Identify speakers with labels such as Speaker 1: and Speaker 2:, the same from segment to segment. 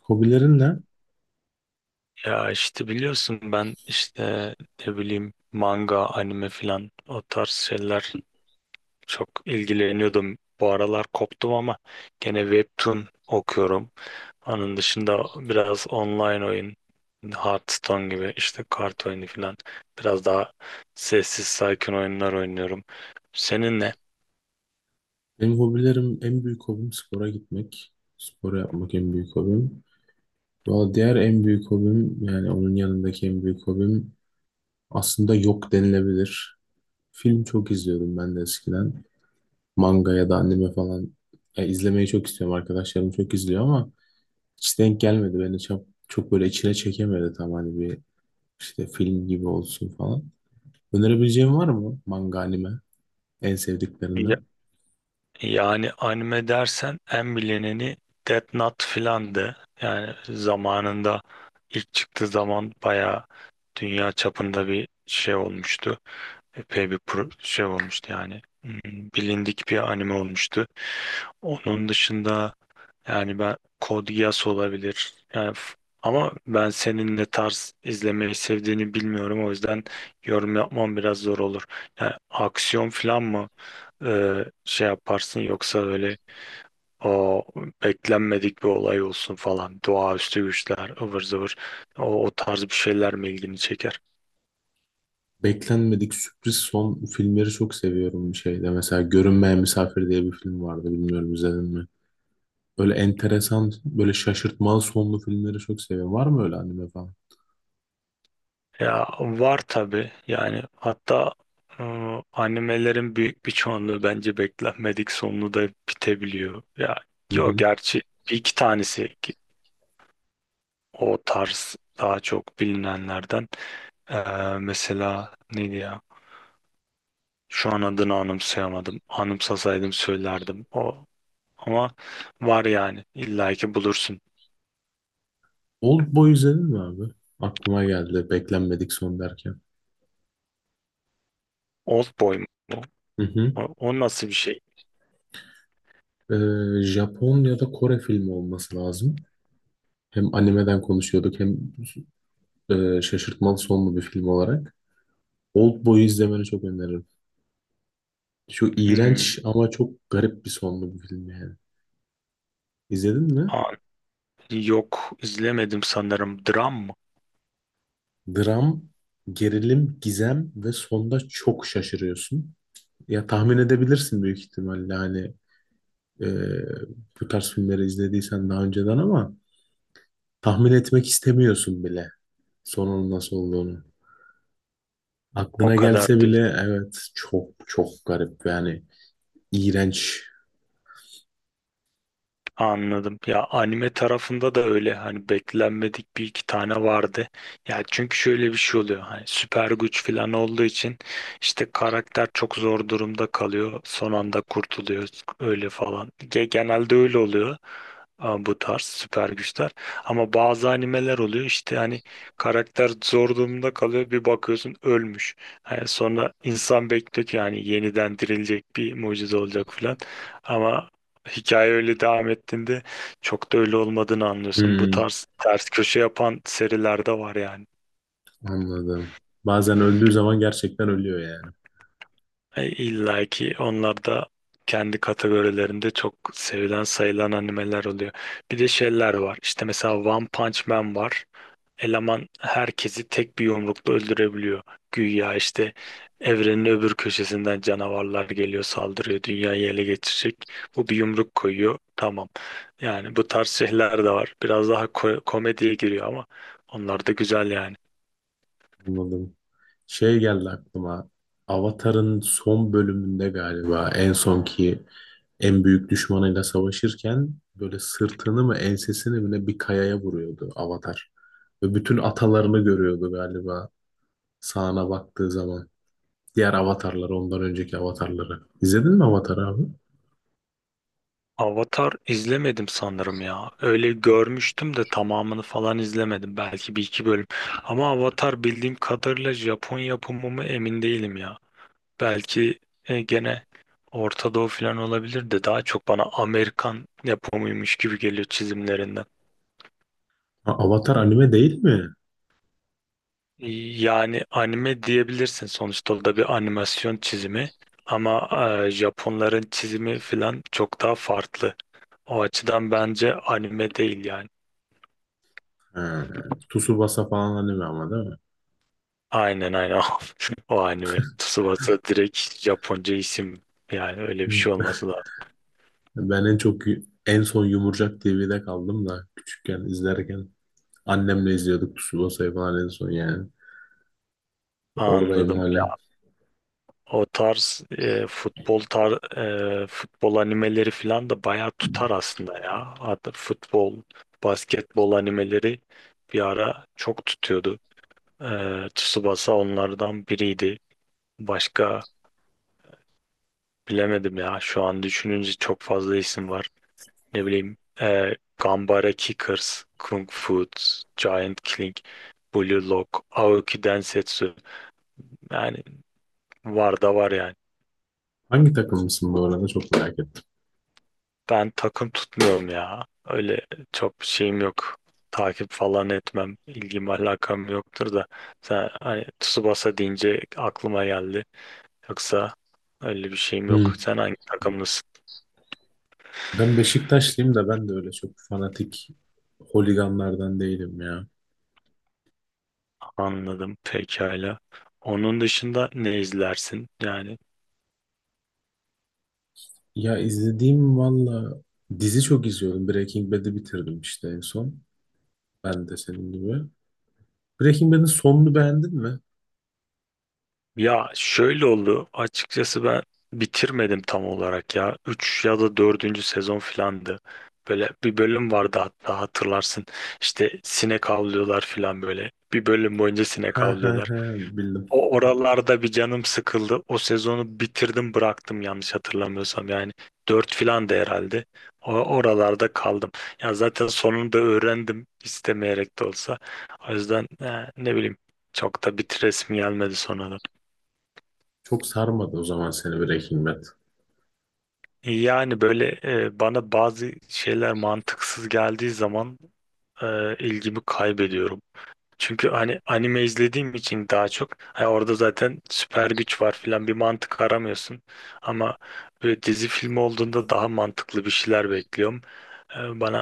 Speaker 1: Hobilerin ne?
Speaker 2: Ya işte biliyorsun ben işte ne bileyim manga, anime filan o tarz şeyler çok ilgileniyordum. Bu aralar koptum ama gene webtoon okuyorum. Onun dışında biraz online oyun, Hearthstone gibi işte kart oyunu filan biraz daha sessiz sakin oyunlar oynuyorum. Senin ne?
Speaker 1: Benim hobilerim en büyük hobim spora gitmek. Spor yapmak en büyük hobim. Valla diğer en büyük hobim, yani onun yanındaki en büyük hobim aslında yok denilebilir. Film çok izliyordum ben de eskiden. Manga ya da anime falan ya izlemeyi çok istiyorum. Arkadaşlarım çok izliyor ama hiç denk gelmedi. Beni çok böyle içine çekemedi tam, hani bir işte film gibi olsun falan. Önerebileceğin var mı, manga anime en sevdiklerinden?
Speaker 2: Yani anime dersen en bilineni Death Note filandı. Yani zamanında ilk çıktığı zaman bayağı dünya çapında bir şey olmuştu. Epey bir şey olmuştu yani. Bilindik bir anime olmuştu. Onun dışında yani ben Code Geass olabilir. Yani ama ben senin ne tarz izlemeyi sevdiğini bilmiyorum. O yüzden yorum yapmam biraz zor olur. Yani aksiyon falan mı? Şey yaparsın yoksa öyle o beklenmedik bir olay olsun falan, doğaüstü güçler ıvır zıvır, o tarz bir şeyler mi ilgini çeker?
Speaker 1: Beklenmedik sürpriz son filmleri çok seviyorum bir şeyde. Mesela Görünmeyen Misafir diye bir film vardı. Bilmiyorum, izledin mi? Böyle enteresan, böyle şaşırtmalı sonlu filmleri çok seviyorum. Var mı öyle anime falan?
Speaker 2: Ya var tabii yani, hatta e, animelerin büyük bir çoğunluğu bence beklenmedik sonlu da bitebiliyor. Ya
Speaker 1: Hı
Speaker 2: yok
Speaker 1: hı.
Speaker 2: gerçi bir iki tanesi ki, o tarz daha çok bilinenlerden. E, Mesela neydi ya? Şu an adını anımsayamadım. Anımsasaydım söylerdim. Ama var yani. İlla ki bulursun.
Speaker 1: Old Boy izledin mi abi? Aklıma geldi beklenmedik son derken.
Speaker 2: Old Boy mu?
Speaker 1: Hı hı.
Speaker 2: O nasıl bir şey?
Speaker 1: Japon ya da Kore filmi olması lazım. Hem animeden konuşuyorduk hem şaşırtmalı sonlu bir film olarak. Old Boy'u izlemeni çok öneririm. Şu
Speaker 2: Hmm,
Speaker 1: iğrenç ama çok garip bir sonlu bir film yani. İzledin mi?
Speaker 2: aa, Yok, izlemedim sanırım. Dram mı?
Speaker 1: Dram, gerilim, gizem ve sonda çok şaşırıyorsun. Ya tahmin edebilirsin büyük ihtimalle, hani e, bu tarz filmleri izlediysen daha önceden, ama tahmin etmek istemiyorsun bile sonunun nasıl olduğunu.
Speaker 2: O
Speaker 1: Aklına
Speaker 2: kadar
Speaker 1: gelse
Speaker 2: değil.
Speaker 1: bile evet, çok çok garip yani, iğrenç.
Speaker 2: Anladım. Ya anime tarafında da öyle hani, beklenmedik bir iki tane vardı. Ya çünkü şöyle bir şey oluyor. Hani süper güç falan olduğu için işte karakter çok zor durumda kalıyor, son anda kurtuluyor öyle falan. Genelde öyle oluyor. Bu tarz süper güçler. Ama bazı animeler oluyor işte hani, karakter zor durumda kalıyor, bir bakıyorsun ölmüş. Yani sonra insan bekliyor ki yani, yeniden dirilecek, bir mucize olacak falan. Ama hikaye öyle devam ettiğinde çok da öyle olmadığını anlıyorsun. Bu
Speaker 1: Hmm,
Speaker 2: tarz ters köşe yapan seriler de var yani.
Speaker 1: anladım. Bazen öldüğü zaman gerçekten ölüyor yani.
Speaker 2: İlla ki onlar da kendi kategorilerinde çok sevilen, sayılan animeler oluyor. Bir de şeyler var. İşte mesela One Punch Man var. Eleman herkesi tek bir yumrukla öldürebiliyor. Güya işte evrenin öbür köşesinden canavarlar geliyor, saldırıyor, dünyayı ele geçirecek. Bu bir yumruk koyuyor. Tamam. Yani bu tarz şeyler de var. Biraz daha komediye giriyor ama onlar da güzel yani.
Speaker 1: Anladım. Şey geldi aklıma. Avatar'ın son bölümünde galiba en sonki en büyük düşmanıyla savaşırken böyle sırtını mı ensesini mi ne, bir kayaya vuruyordu Avatar. Ve bütün atalarını görüyordu galiba sağına baktığı zaman. Diğer avatarları, ondan önceki avatarları. İzledin mi Avatar abi?
Speaker 2: Avatar izlemedim sanırım ya. Öyle görmüştüm de tamamını falan izlemedim. Belki bir iki bölüm. Ama Avatar bildiğim kadarıyla Japon yapımı mı, emin değilim ya. Belki gene Orta Doğu falan olabilir de, daha çok bana Amerikan yapımıymış gibi geliyor çizimlerinden.
Speaker 1: Ha, Avatar anime değil mi?
Speaker 2: Yani anime diyebilirsin, sonuçta o da bir animasyon çizimi. Ama Japonların çizimi falan çok daha farklı. O açıdan bence anime değil yani.
Speaker 1: Ha, Tsubasa falan anime ama, değil
Speaker 2: Aynen, aynen, o anime. Tsubasa direkt Japonca isim, yani öyle bir
Speaker 1: mi?
Speaker 2: şey olması lazım.
Speaker 1: Ben en çok en son Yumurcak TV'de kaldım da küçükken izlerken. Annemle izliyorduk Tsubasa'yı falan en son yani. Oradayım
Speaker 2: Anladım.
Speaker 1: hala.
Speaker 2: O tarz futbol animeleri falan da bayağı tutar aslında ya. Hatta futbol, basketbol animeleri bir ara çok tutuyordu. Tsubasa onlardan biriydi. Başka bilemedim ya. Şu an düşününce çok fazla isim var. Ne bileyim Gambara Kickers, Kung Fu, Giant Killing, Blue Lock, Aoki Densetsu. Yani var da var yani.
Speaker 1: Hangi takımlısın bu arada, çok merak ettim.
Speaker 2: Ben takım tutmuyorum ya. Öyle çok şeyim yok. Takip falan etmem. İlgim alakam yoktur da. Sen hani Tsubasa deyince aklıma geldi. Yoksa öyle bir şeyim yok.
Speaker 1: Hı.
Speaker 2: Sen hangi takımlısın?
Speaker 1: Ben Beşiktaşlıyım da, ben de öyle çok fanatik holiganlardan değilim ya.
Speaker 2: Anladım. Pekala. Onun dışında ne izlersin? Yani,
Speaker 1: Ya izlediğim valla dizi çok izliyordum. Breaking Bad'i bitirdim işte en son. Ben de senin gibi. Breaking Bad'in sonunu beğendin mi?
Speaker 2: ya şöyle oldu. Açıkçası ben bitirmedim tam olarak ya. Üç ya da dördüncü sezon filandı. Böyle bir bölüm vardı, hatta hatırlarsın. İşte sinek avlıyorlar filan böyle. Bir bölüm boyunca sinek
Speaker 1: Ha ha
Speaker 2: avlıyorlar.
Speaker 1: ha, bildim.
Speaker 2: O oralarda bir canım sıkıldı. O sezonu bitirdim, bıraktım yanlış hatırlamıyorsam. Yani 4 filan da herhalde. O oralarda kaldım. Ya zaten sonunda öğrendim istemeyerek de olsa. O yüzden ne bileyim, çok da bitiresim gelmedi sonra.
Speaker 1: Çok sarmadı o zaman seni Breaking Bad.
Speaker 2: Yani böyle bana bazı şeyler mantıksız geldiği zaman ilgimi kaybediyorum. Çünkü hani anime izlediğim için daha çok, ha, orada zaten süper güç var filan, bir mantık aramıyorsun. Ama böyle dizi filmi olduğunda daha mantıklı bir şeyler bekliyorum. Bana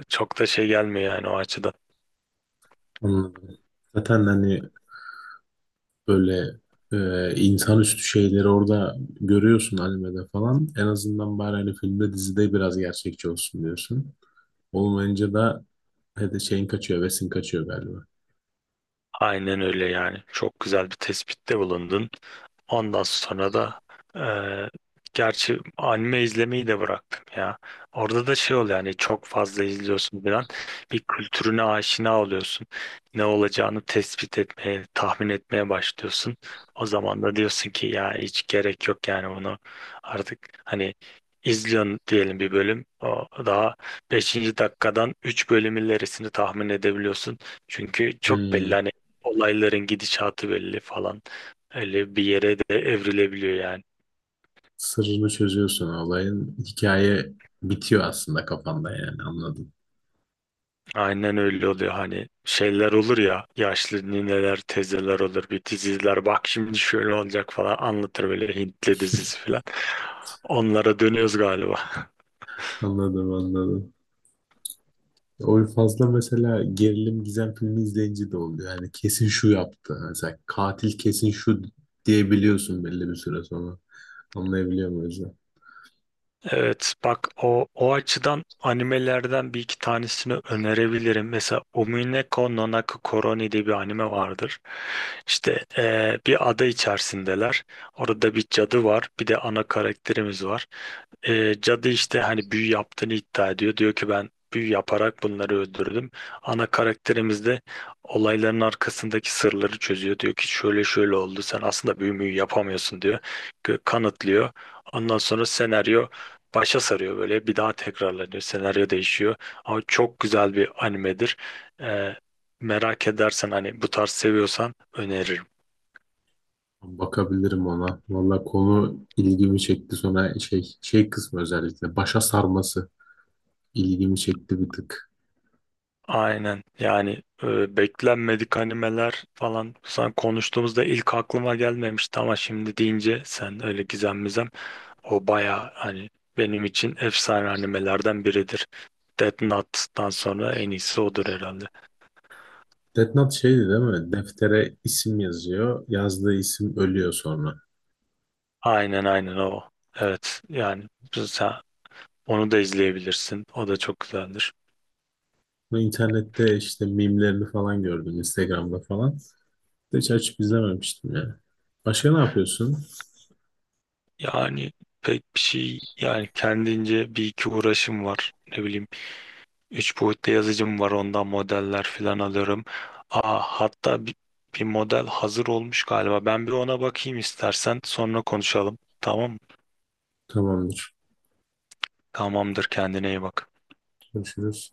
Speaker 2: çok da şey gelmiyor yani o açıdan.
Speaker 1: Anladım. Zaten hani böyle, insanüstü şeyleri orada görüyorsun animede falan. En azından bari hani filmde dizide biraz gerçekçi olsun diyorsun. Olmayınca da hadi şeyin kaçıyor, vesin kaçıyor galiba.
Speaker 2: Aynen öyle yani. Çok güzel bir tespitte bulundun. Ondan sonra da eee, gerçi anime izlemeyi de bıraktım ya. Orada da şey oluyor yani, çok fazla izliyorsun falan. Bir kültürüne aşina oluyorsun. Ne olacağını tespit etmeye, tahmin etmeye başlıyorsun. O zaman da diyorsun ki ya hiç gerek yok yani, bunu artık hani izliyorsun diyelim bir bölüm. O daha beşinci dakikadan 3 bölüm ilerisini tahmin edebiliyorsun. Çünkü çok belli
Speaker 1: Hmm.
Speaker 2: hani, olayların gidişatı belli falan. Öyle bir yere de evrilebiliyor yani.
Speaker 1: Sırrını çözüyorsun olayın. Hikaye bitiyor aslında kafanda, yani anladım.
Speaker 2: Aynen öyle oluyor, hani şeyler olur ya, yaşlı nineler teyzeler olur bir, diziler bak şimdi şöyle olacak falan anlatır, böyle Hintli dizisi falan. Onlara dönüyoruz galiba.
Speaker 1: Anladım, anladım. O fazla mesela gerilim gizem filmi izleyince de oluyor. Yani kesin şu yaptı. Mesela katil kesin şu diyebiliyorsun belli bir süre sonra. Anlayabiliyor muyuz?
Speaker 2: Evet bak, o açıdan animelerden bir iki tanesini önerebilirim. Mesela Umineko no Koroni diye bir anime vardır. İşte bir ada içerisindeler. Orada bir cadı var. Bir de ana karakterimiz var. Cadı işte hani büyü yaptığını iddia ediyor. Diyor ki ben büyü yaparak bunları öldürdüm. Ana karakterimiz de olayların arkasındaki sırları çözüyor. Diyor ki şöyle şöyle oldu. Sen aslında büyü müyü yapamıyorsun diyor. Kanıtlıyor. Ondan sonra senaryo başa sarıyor, böyle bir daha tekrarlanıyor, senaryo değişiyor, ama çok güzel bir animedir. Ee, merak edersen hani bu tarz seviyorsan öneririm.
Speaker 1: Bakabilirim ona. Valla konu ilgimi çekti, sonra şey kısmı, özellikle başa sarması ilgimi çekti bir tık.
Speaker 2: Aynen yani, beklenmedik animeler falan sen konuştuğumuzda ilk aklıma gelmemişti ama şimdi deyince sen öyle gizem mizem, o baya hani benim için efsane animelerden biridir. Death Note'dan sonra en iyisi odur herhalde.
Speaker 1: Death Note şeydi değil mi? Deftere isim yazıyor. Yazdığı isim ölüyor sonra.
Speaker 2: Aynen, aynen o. Evet yani sen onu da izleyebilirsin. O da çok güzeldir.
Speaker 1: Bu internette işte mimlerini falan gördüm, Instagram'da falan. Hiç açıp izlememiştim yani. Başka ne yapıyorsun?
Speaker 2: Yani pek bir şey yani, kendince bir iki uğraşım var. Ne bileyim üç boyutlu yazıcım var, ondan modeller falan alıyorum. Hatta bir model hazır olmuş galiba. Ben bir ona bakayım istersen, sonra konuşalım. Tamam mı?
Speaker 1: Tamamdır.
Speaker 2: Tamamdır, kendine iyi bak.
Speaker 1: Görüşürüz.